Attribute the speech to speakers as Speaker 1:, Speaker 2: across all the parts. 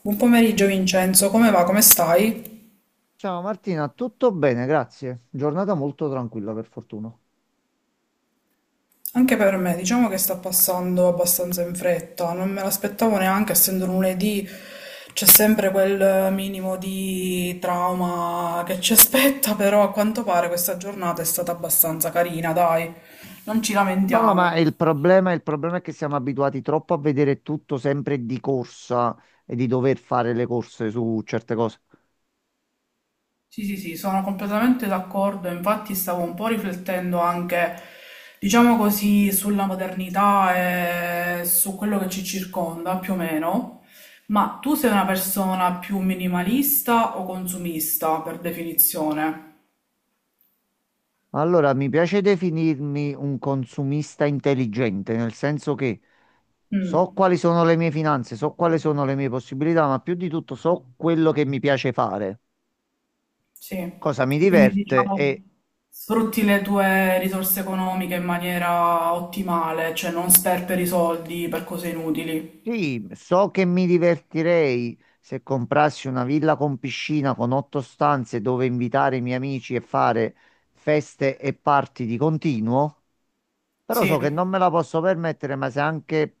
Speaker 1: Buon pomeriggio Vincenzo, come va? Come stai?
Speaker 2: Ciao Martina, tutto bene, grazie. Giornata molto tranquilla per fortuna.
Speaker 1: Anche per me, diciamo che sta passando abbastanza in fretta, non me l'aspettavo neanche, essendo lunedì c'è sempre quel minimo di trauma che ci aspetta, però a quanto pare questa giornata è stata abbastanza carina, dai, non ci
Speaker 2: No, no, ma
Speaker 1: lamentiamo.
Speaker 2: il problema è che siamo abituati troppo a vedere tutto sempre di corsa e di dover fare le corse su certe cose.
Speaker 1: Sì, sì, sì, sono completamente d'accordo, infatti stavo un po' riflettendo anche, diciamo così, sulla modernità e su quello che ci circonda, più o meno, ma tu sei una persona più minimalista o consumista, per definizione?
Speaker 2: Allora, mi piace definirmi un consumista intelligente, nel senso che so
Speaker 1: Mm,
Speaker 2: quali sono le mie finanze, so quali sono le mie possibilità, ma più di tutto so quello che mi piace fare,
Speaker 1: sì,
Speaker 2: cosa mi
Speaker 1: quindi
Speaker 2: diverte.
Speaker 1: diciamo
Speaker 2: E
Speaker 1: sfrutti le tue risorse economiche in maniera ottimale, cioè non sperperi soldi per cose inutili.
Speaker 2: sì, so che mi divertirei se comprassi una villa con piscina con otto stanze dove invitare i miei amici e fare feste e party di continuo, però
Speaker 1: Sì,
Speaker 2: so che non me la posso permettere, ma se anche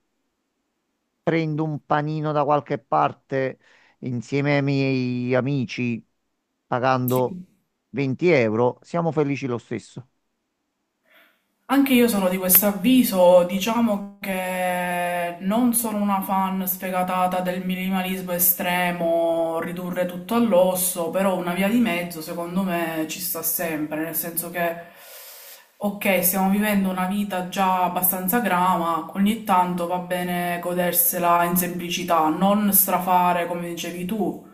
Speaker 2: prendo un panino da qualche parte insieme ai miei amici pagando
Speaker 1: sì.
Speaker 2: 20 euro, siamo felici lo stesso.
Speaker 1: Anche io sono di questo avviso, diciamo che non sono una fan sfegatata del minimalismo estremo, ridurre tutto all'osso, però una via di mezzo secondo me ci sta sempre, nel senso che, ok, stiamo vivendo una vita già abbastanza grama, ogni tanto va bene godersela in semplicità, non strafare come dicevi tu.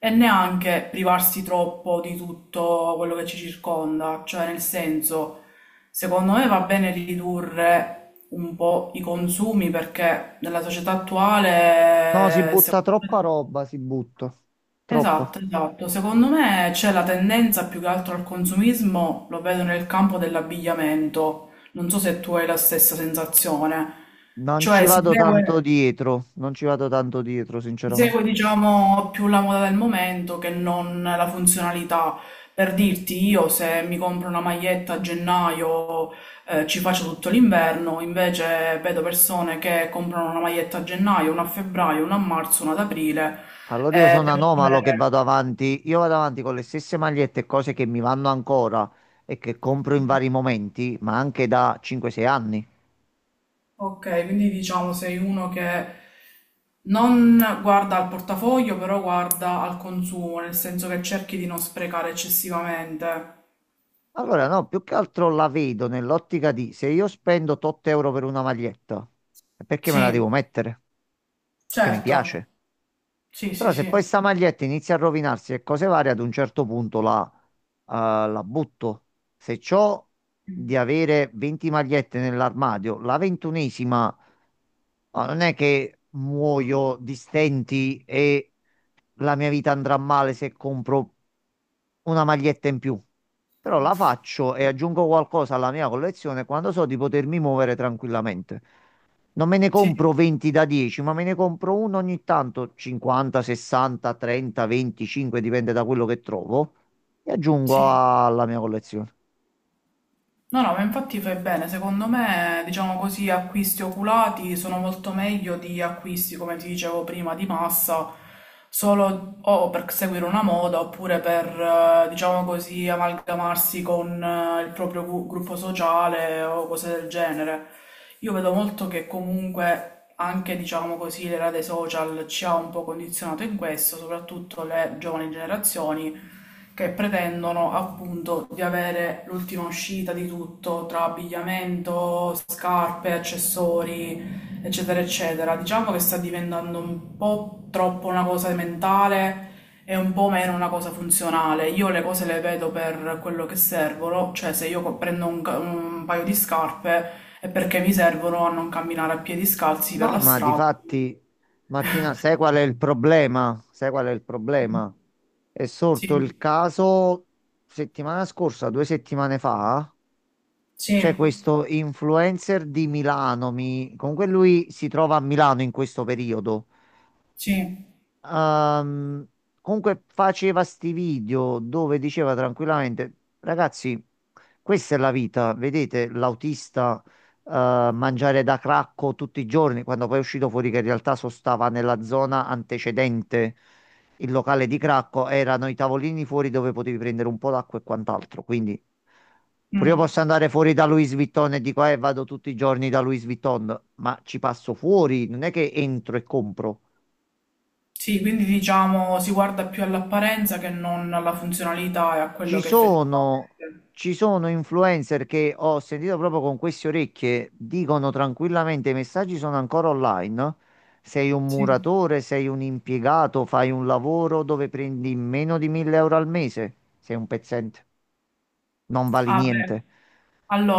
Speaker 1: E neanche privarsi troppo di tutto quello che ci circonda, cioè nel senso, secondo me va bene ridurre un po' i consumi perché nella società
Speaker 2: No, si
Speaker 1: attuale,
Speaker 2: butta troppa roba, si butta. Troppa.
Speaker 1: esatto, esatto, secondo me c'è la tendenza più che altro al consumismo, lo vedo nel campo dell'abbigliamento, non so se tu hai la stessa sensazione,
Speaker 2: Non ci
Speaker 1: cioè si
Speaker 2: vado tanto
Speaker 1: segue...
Speaker 2: dietro, non ci vado tanto dietro, sinceramente.
Speaker 1: Segue, diciamo, più la moda del momento che non la funzionalità. Per dirti, io se mi compro una maglietta a gennaio, ci faccio tutto l'inverno, invece vedo persone che comprano una maglietta a gennaio, una a febbraio, una a marzo, una ad aprile,
Speaker 2: Allora io
Speaker 1: e
Speaker 2: sono
Speaker 1: devono
Speaker 2: anomalo che
Speaker 1: avere...
Speaker 2: vado avanti, io vado avanti con le stesse magliette e cose che mi vanno ancora e che compro in vari momenti, ma anche da 5-6 anni.
Speaker 1: Ok, quindi diciamo sei uno che non guarda al portafoglio, però guarda al consumo, nel senso che cerchi di non sprecare eccessivamente.
Speaker 2: Allora no, più che altro la vedo nell'ottica di se io spendo 8 euro per una maglietta, è perché me la
Speaker 1: Sì,
Speaker 2: devo mettere? Che mi
Speaker 1: certo.
Speaker 2: piace.
Speaker 1: Sì,
Speaker 2: Però
Speaker 1: sì,
Speaker 2: se poi
Speaker 1: sì.
Speaker 2: sta maglietta inizia a rovinarsi e cose varie, ad un certo punto eh, la butto. Se c'ho di avere 20 magliette nell'armadio, la 21ª. Ma non è che muoio di stenti e la mia vita andrà male se compro una maglietta in più. Però la faccio e aggiungo qualcosa alla mia collezione quando so di potermi muovere tranquillamente. Non me ne
Speaker 1: Sì,
Speaker 2: compro 20 da 10, ma me ne compro uno ogni tanto, 50, 60, 30, 25, dipende da quello che trovo, e aggiungo
Speaker 1: sì.
Speaker 2: alla mia collezione.
Speaker 1: No, no, ma infatti fai bene. Secondo me, diciamo così, acquisti oculati sono molto meglio di acquisti, come ti dicevo prima, di massa, solo o per seguire una moda oppure per, diciamo così, amalgamarsi con il proprio gruppo sociale o cose del genere. Io vedo molto che comunque anche, diciamo così, l'era dei social ci ha un po' condizionato in questo, soprattutto le giovani generazioni, che pretendono appunto di avere l'ultima uscita di tutto, tra abbigliamento, scarpe, accessori, eccetera, eccetera. Diciamo che sta diventando un po' troppo una cosa mentale e un po' meno una cosa funzionale. Io le cose le vedo per quello che servono, cioè se io prendo un paio di scarpe è perché mi servono a non camminare a piedi scalzi per
Speaker 2: No,
Speaker 1: la
Speaker 2: ma
Speaker 1: strada.
Speaker 2: difatti, Martina, sai qual è il problema? Sai qual è il problema? È sorto
Speaker 1: Sì,
Speaker 2: il caso settimana scorsa, 2 settimane fa.
Speaker 1: sì,
Speaker 2: C'è questo influencer di Milano, comunque lui si trova a Milano in questo periodo.
Speaker 1: sì.
Speaker 2: Ehm, comunque faceva sti video dove diceva tranquillamente: ragazzi, questa è la vita, vedete l'autista eh, mangiare da Cracco tutti i giorni, quando poi è uscito fuori che in realtà sostava nella zona antecedente il locale di Cracco, erano i tavolini fuori dove potevi prendere un po' d'acqua e quant'altro. Quindi pure io
Speaker 1: Mm.
Speaker 2: posso andare fuori da Louis Vuitton e dico, vado tutti i giorni da Louis Vuitton, ma ci passo fuori, non è che entro e compro.
Speaker 1: Sì, quindi diciamo si guarda più all'apparenza che non alla funzionalità e a quello
Speaker 2: Ci
Speaker 1: che
Speaker 2: sono,
Speaker 1: effettivamente.
Speaker 2: ci sono influencer che ho sentito proprio con queste orecchie, dicono tranquillamente, i messaggi sono ancora online: sei un
Speaker 1: Sì.
Speaker 2: muratore, sei un impiegato, fai un lavoro dove prendi meno di 1000 euro al mese. Sei un pezzente, non vali
Speaker 1: Ah,
Speaker 2: niente,
Speaker 1: beh.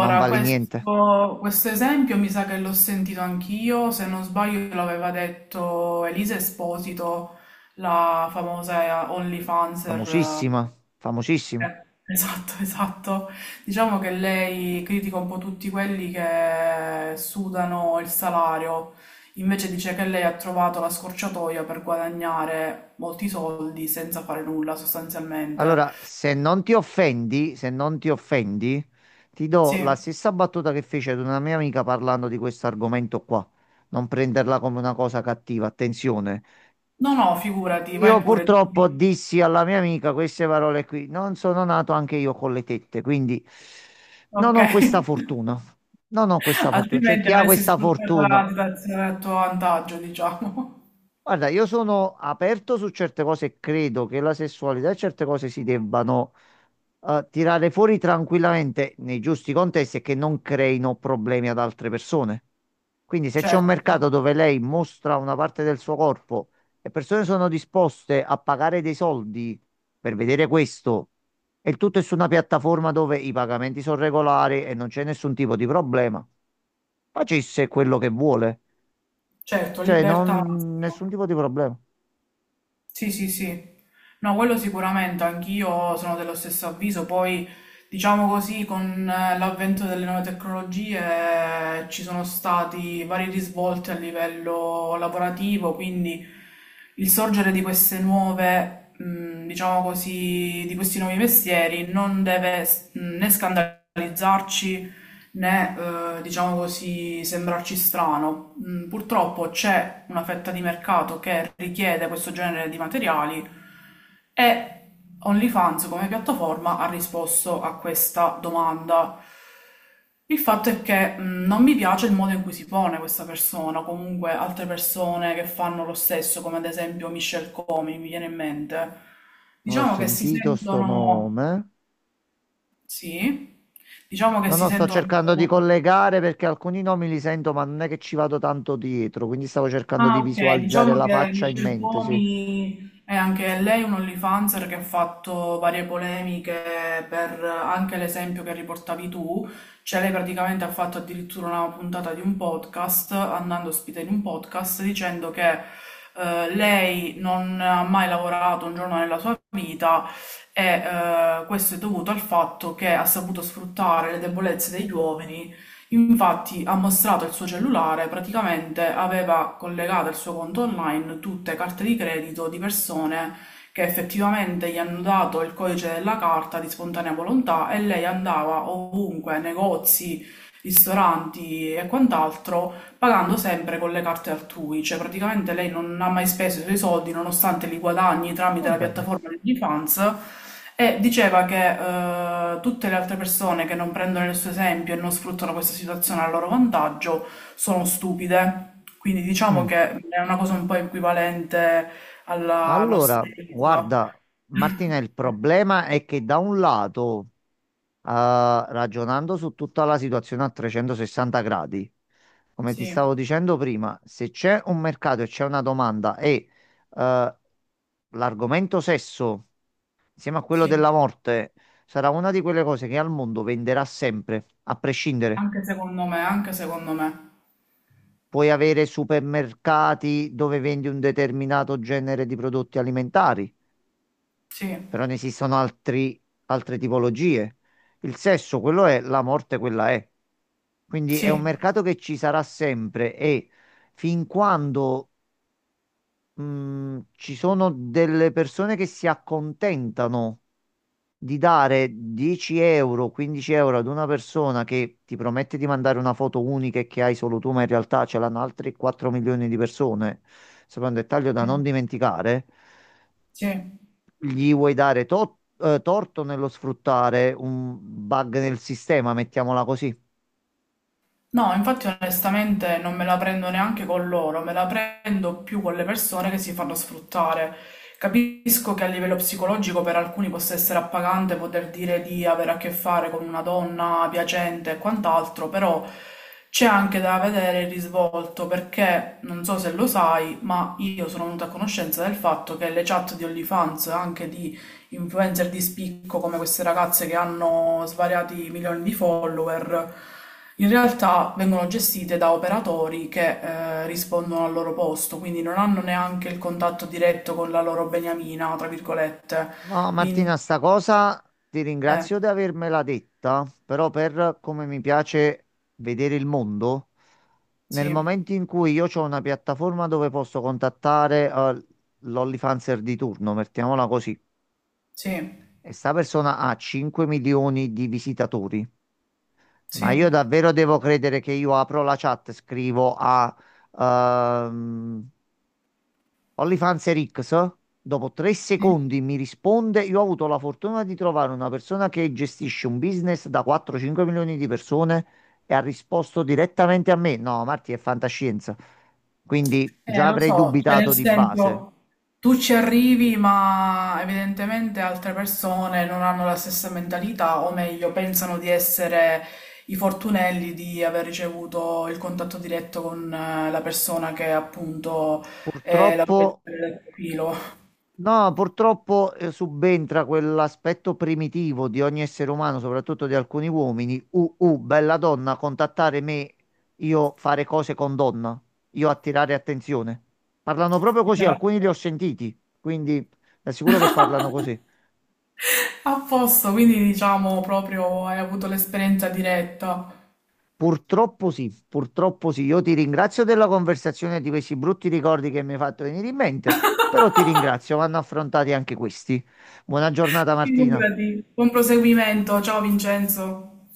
Speaker 2: non vali niente.
Speaker 1: questo esempio mi sa che l'ho sentito anch'io, se non sbaglio l'aveva detto Elisa Esposito, la famosa OnlyFanser.
Speaker 2: Famosissima, famosissima.
Speaker 1: Esatto, esatto. Diciamo che lei critica un po' tutti quelli che sudano il salario, invece dice che lei ha trovato la scorciatoia per guadagnare molti soldi senza fare nulla sostanzialmente.
Speaker 2: Allora, se non ti offendi, se non ti offendi, ti do la
Speaker 1: Sì.
Speaker 2: stessa battuta che fece ad una mia amica parlando di questo argomento qua. Non prenderla come una cosa cattiva, attenzione.
Speaker 1: No, no, figurati, vai
Speaker 2: Io
Speaker 1: pure,
Speaker 2: purtroppo
Speaker 1: dimmi.
Speaker 2: dissi alla mia amica queste parole qui: non sono nato anche io con le tette, quindi non
Speaker 1: Ok.
Speaker 2: ho questa fortuna. Non ho questa fortuna. C'è
Speaker 1: Altrimenti
Speaker 2: chi ha
Speaker 1: avresti
Speaker 2: questa
Speaker 1: sfruttato
Speaker 2: fortuna.
Speaker 1: la situazione a tuo vantaggio, diciamo.
Speaker 2: Guarda, io sono aperto su certe cose e credo che la sessualità e certe cose si debbano tirare fuori tranquillamente nei giusti contesti e che non creino problemi ad altre persone. Quindi se c'è un
Speaker 1: Certo,
Speaker 2: mercato dove lei mostra una parte del suo corpo e persone sono disposte a pagare dei soldi per vedere questo, e il tutto è su una piattaforma dove i pagamenti sono regolari e non c'è nessun tipo di problema, facesse quello che vuole.
Speaker 1: certo,
Speaker 2: Cioè,
Speaker 1: libertà
Speaker 2: non
Speaker 1: massima.
Speaker 2: nessun tipo di problema.
Speaker 1: Sì, sì, sì. No, quello sicuramente, anch'io sono dello stesso avviso. Poi, diciamo così, con l'avvento delle nuove tecnologie ci sono stati vari risvolti a livello lavorativo, quindi il sorgere di queste nuove, diciamo così, di questi nuovi mestieri non deve né scandalizzarci né, diciamo così, sembrarci strano. Purtroppo c'è una fetta di mercato che richiede questo genere di materiali e OnlyFans come piattaforma ha risposto a questa domanda. Il fatto è che non mi piace il modo in cui si pone questa persona, comunque altre persone che fanno lo stesso, come ad esempio Michelle Comi, mi viene in mente.
Speaker 2: Non ho
Speaker 1: Diciamo che si
Speaker 2: sentito sto
Speaker 1: sentono,
Speaker 2: nome.
Speaker 1: sì, diciamo che
Speaker 2: No,
Speaker 1: si
Speaker 2: no, sto
Speaker 1: sentono un
Speaker 2: cercando di
Speaker 1: po'.
Speaker 2: collegare perché alcuni nomi li sento, ma non è che ci vado tanto dietro, quindi stavo cercando
Speaker 1: Ah,
Speaker 2: di
Speaker 1: ok,
Speaker 2: visualizzare
Speaker 1: diciamo
Speaker 2: la
Speaker 1: che
Speaker 2: faccia in
Speaker 1: Michelle
Speaker 2: mente, sì.
Speaker 1: Comi è anche lei un OnlyFanser che ha fatto varie polemiche per anche l'esempio che riportavi tu, cioè lei praticamente ha fatto addirittura una puntata di un podcast, andando ospite in un podcast, dicendo che lei non ha mai lavorato un giorno nella sua vita e questo è dovuto al fatto che ha saputo sfruttare le debolezze degli uomini. Infatti ha mostrato il suo cellulare, praticamente aveva collegato al suo conto online tutte carte di credito di persone che effettivamente gli hanno dato il codice della carta di spontanea volontà e lei andava ovunque, negozi, ristoranti e quant'altro, pagando sempre con le carte altrui, cioè praticamente lei non ha mai speso i suoi soldi nonostante li guadagni
Speaker 2: Va
Speaker 1: tramite la
Speaker 2: bene.
Speaker 1: piattaforma di OnlyFans e diceva che tutte le altre persone che non prendono il suo esempio e non sfruttano questa situazione a loro vantaggio sono stupide. Quindi diciamo
Speaker 2: Mm.
Speaker 1: che è una cosa un po' equivalente alla nostra
Speaker 2: Allora,
Speaker 1: vita.
Speaker 2: guarda, Martina, il problema è che da un lato, ragionando su tutta la situazione a 360 gradi, come ti
Speaker 1: Sì,
Speaker 2: stavo dicendo prima, se c'è un mercato e c'è una domanda e eh, l'argomento sesso insieme a quello
Speaker 1: sì,
Speaker 2: della morte, sarà una di quelle cose che al mondo venderà sempre, a prescindere.
Speaker 1: anche secondo me, anche secondo me.
Speaker 2: Puoi avere supermercati dove vendi un determinato genere di prodotti alimentari,
Speaker 1: Sì,
Speaker 2: però ne esistono altre tipologie. Il sesso, quello è, la morte, quella è. Quindi
Speaker 1: sì,
Speaker 2: è un mercato che ci sarà sempre e fin quando ci sono delle persone che si accontentano di dare 10 euro, 15 euro ad una persona che ti promette di mandare una foto unica e che hai solo tu, ma in realtà ce l'hanno altri 4 milioni di persone. Sembra un dettaglio da
Speaker 1: sì,
Speaker 2: non dimenticare.
Speaker 1: sì.
Speaker 2: Gli vuoi dare torto nello sfruttare un bug nel sistema, mettiamola così.
Speaker 1: No, infatti onestamente non me la prendo neanche con loro, me la prendo più con le persone che si fanno sfruttare. Capisco che a livello psicologico per alcuni possa essere appagante poter dire di avere a che fare con una donna piacente e quant'altro, però c'è anche da vedere il risvolto perché non so se lo sai, ma io sono venuta a conoscenza del fatto che le chat di OnlyFans, anche di influencer di spicco come queste ragazze che hanno svariati milioni di follower, in realtà vengono gestite da operatori che rispondono al loro posto, quindi non hanno neanche il contatto diretto con la loro beniamina, tra virgolette.
Speaker 2: No,
Speaker 1: Quindi,
Speaker 2: Martina, sta cosa ti
Speaker 1: eh,
Speaker 2: ringrazio di avermela detta, però per come mi piace vedere il mondo, nel
Speaker 1: sì,
Speaker 2: momento in cui io ho una piattaforma dove posso contattare l'Ollifanzer di turno, mettiamola così,
Speaker 1: sì,
Speaker 2: e sta persona ha 5 milioni di visitatori,
Speaker 1: sì,
Speaker 2: ma io davvero devo credere che io apro la chat, scrivo a ehm, OnlyFans Rix, dopo tre
Speaker 1: sì.
Speaker 2: secondi mi risponde, io ho avuto la fortuna di trovare una persona che gestisce un business da 4-5 milioni di persone e ha risposto direttamente a me? No, Marti, è fantascienza. Quindi già
Speaker 1: Lo
Speaker 2: avrei
Speaker 1: so, cioè nel
Speaker 2: dubitato di base.
Speaker 1: senso, tu ci arrivi, ma evidentemente altre persone non hanno la stessa mentalità, o meglio, pensano di essere i fortunelli di aver ricevuto il contatto diretto con la persona che appunto è la
Speaker 2: Purtroppo.
Speaker 1: proprietaria del profilo.
Speaker 2: No, purtroppo subentra quell'aspetto primitivo di ogni essere umano, soprattutto di alcuni uomini. Bella donna, contattare me, io fare cose con donna, io attirare attenzione. Parlano proprio così, alcuni
Speaker 1: Esatto.
Speaker 2: li ho sentiti, quindi ti assicuro che parlano così.
Speaker 1: A posto, quindi diciamo proprio hai avuto l'esperienza diretta.
Speaker 2: Purtroppo sì, purtroppo sì. Io ti ringrazio della conversazione e di questi brutti ricordi che mi hai fatto venire in mente, però ti ringrazio, vanno affrontati anche questi. Buona giornata, Martina.
Speaker 1: Figurati, buon proseguimento, ciao Vincenzo.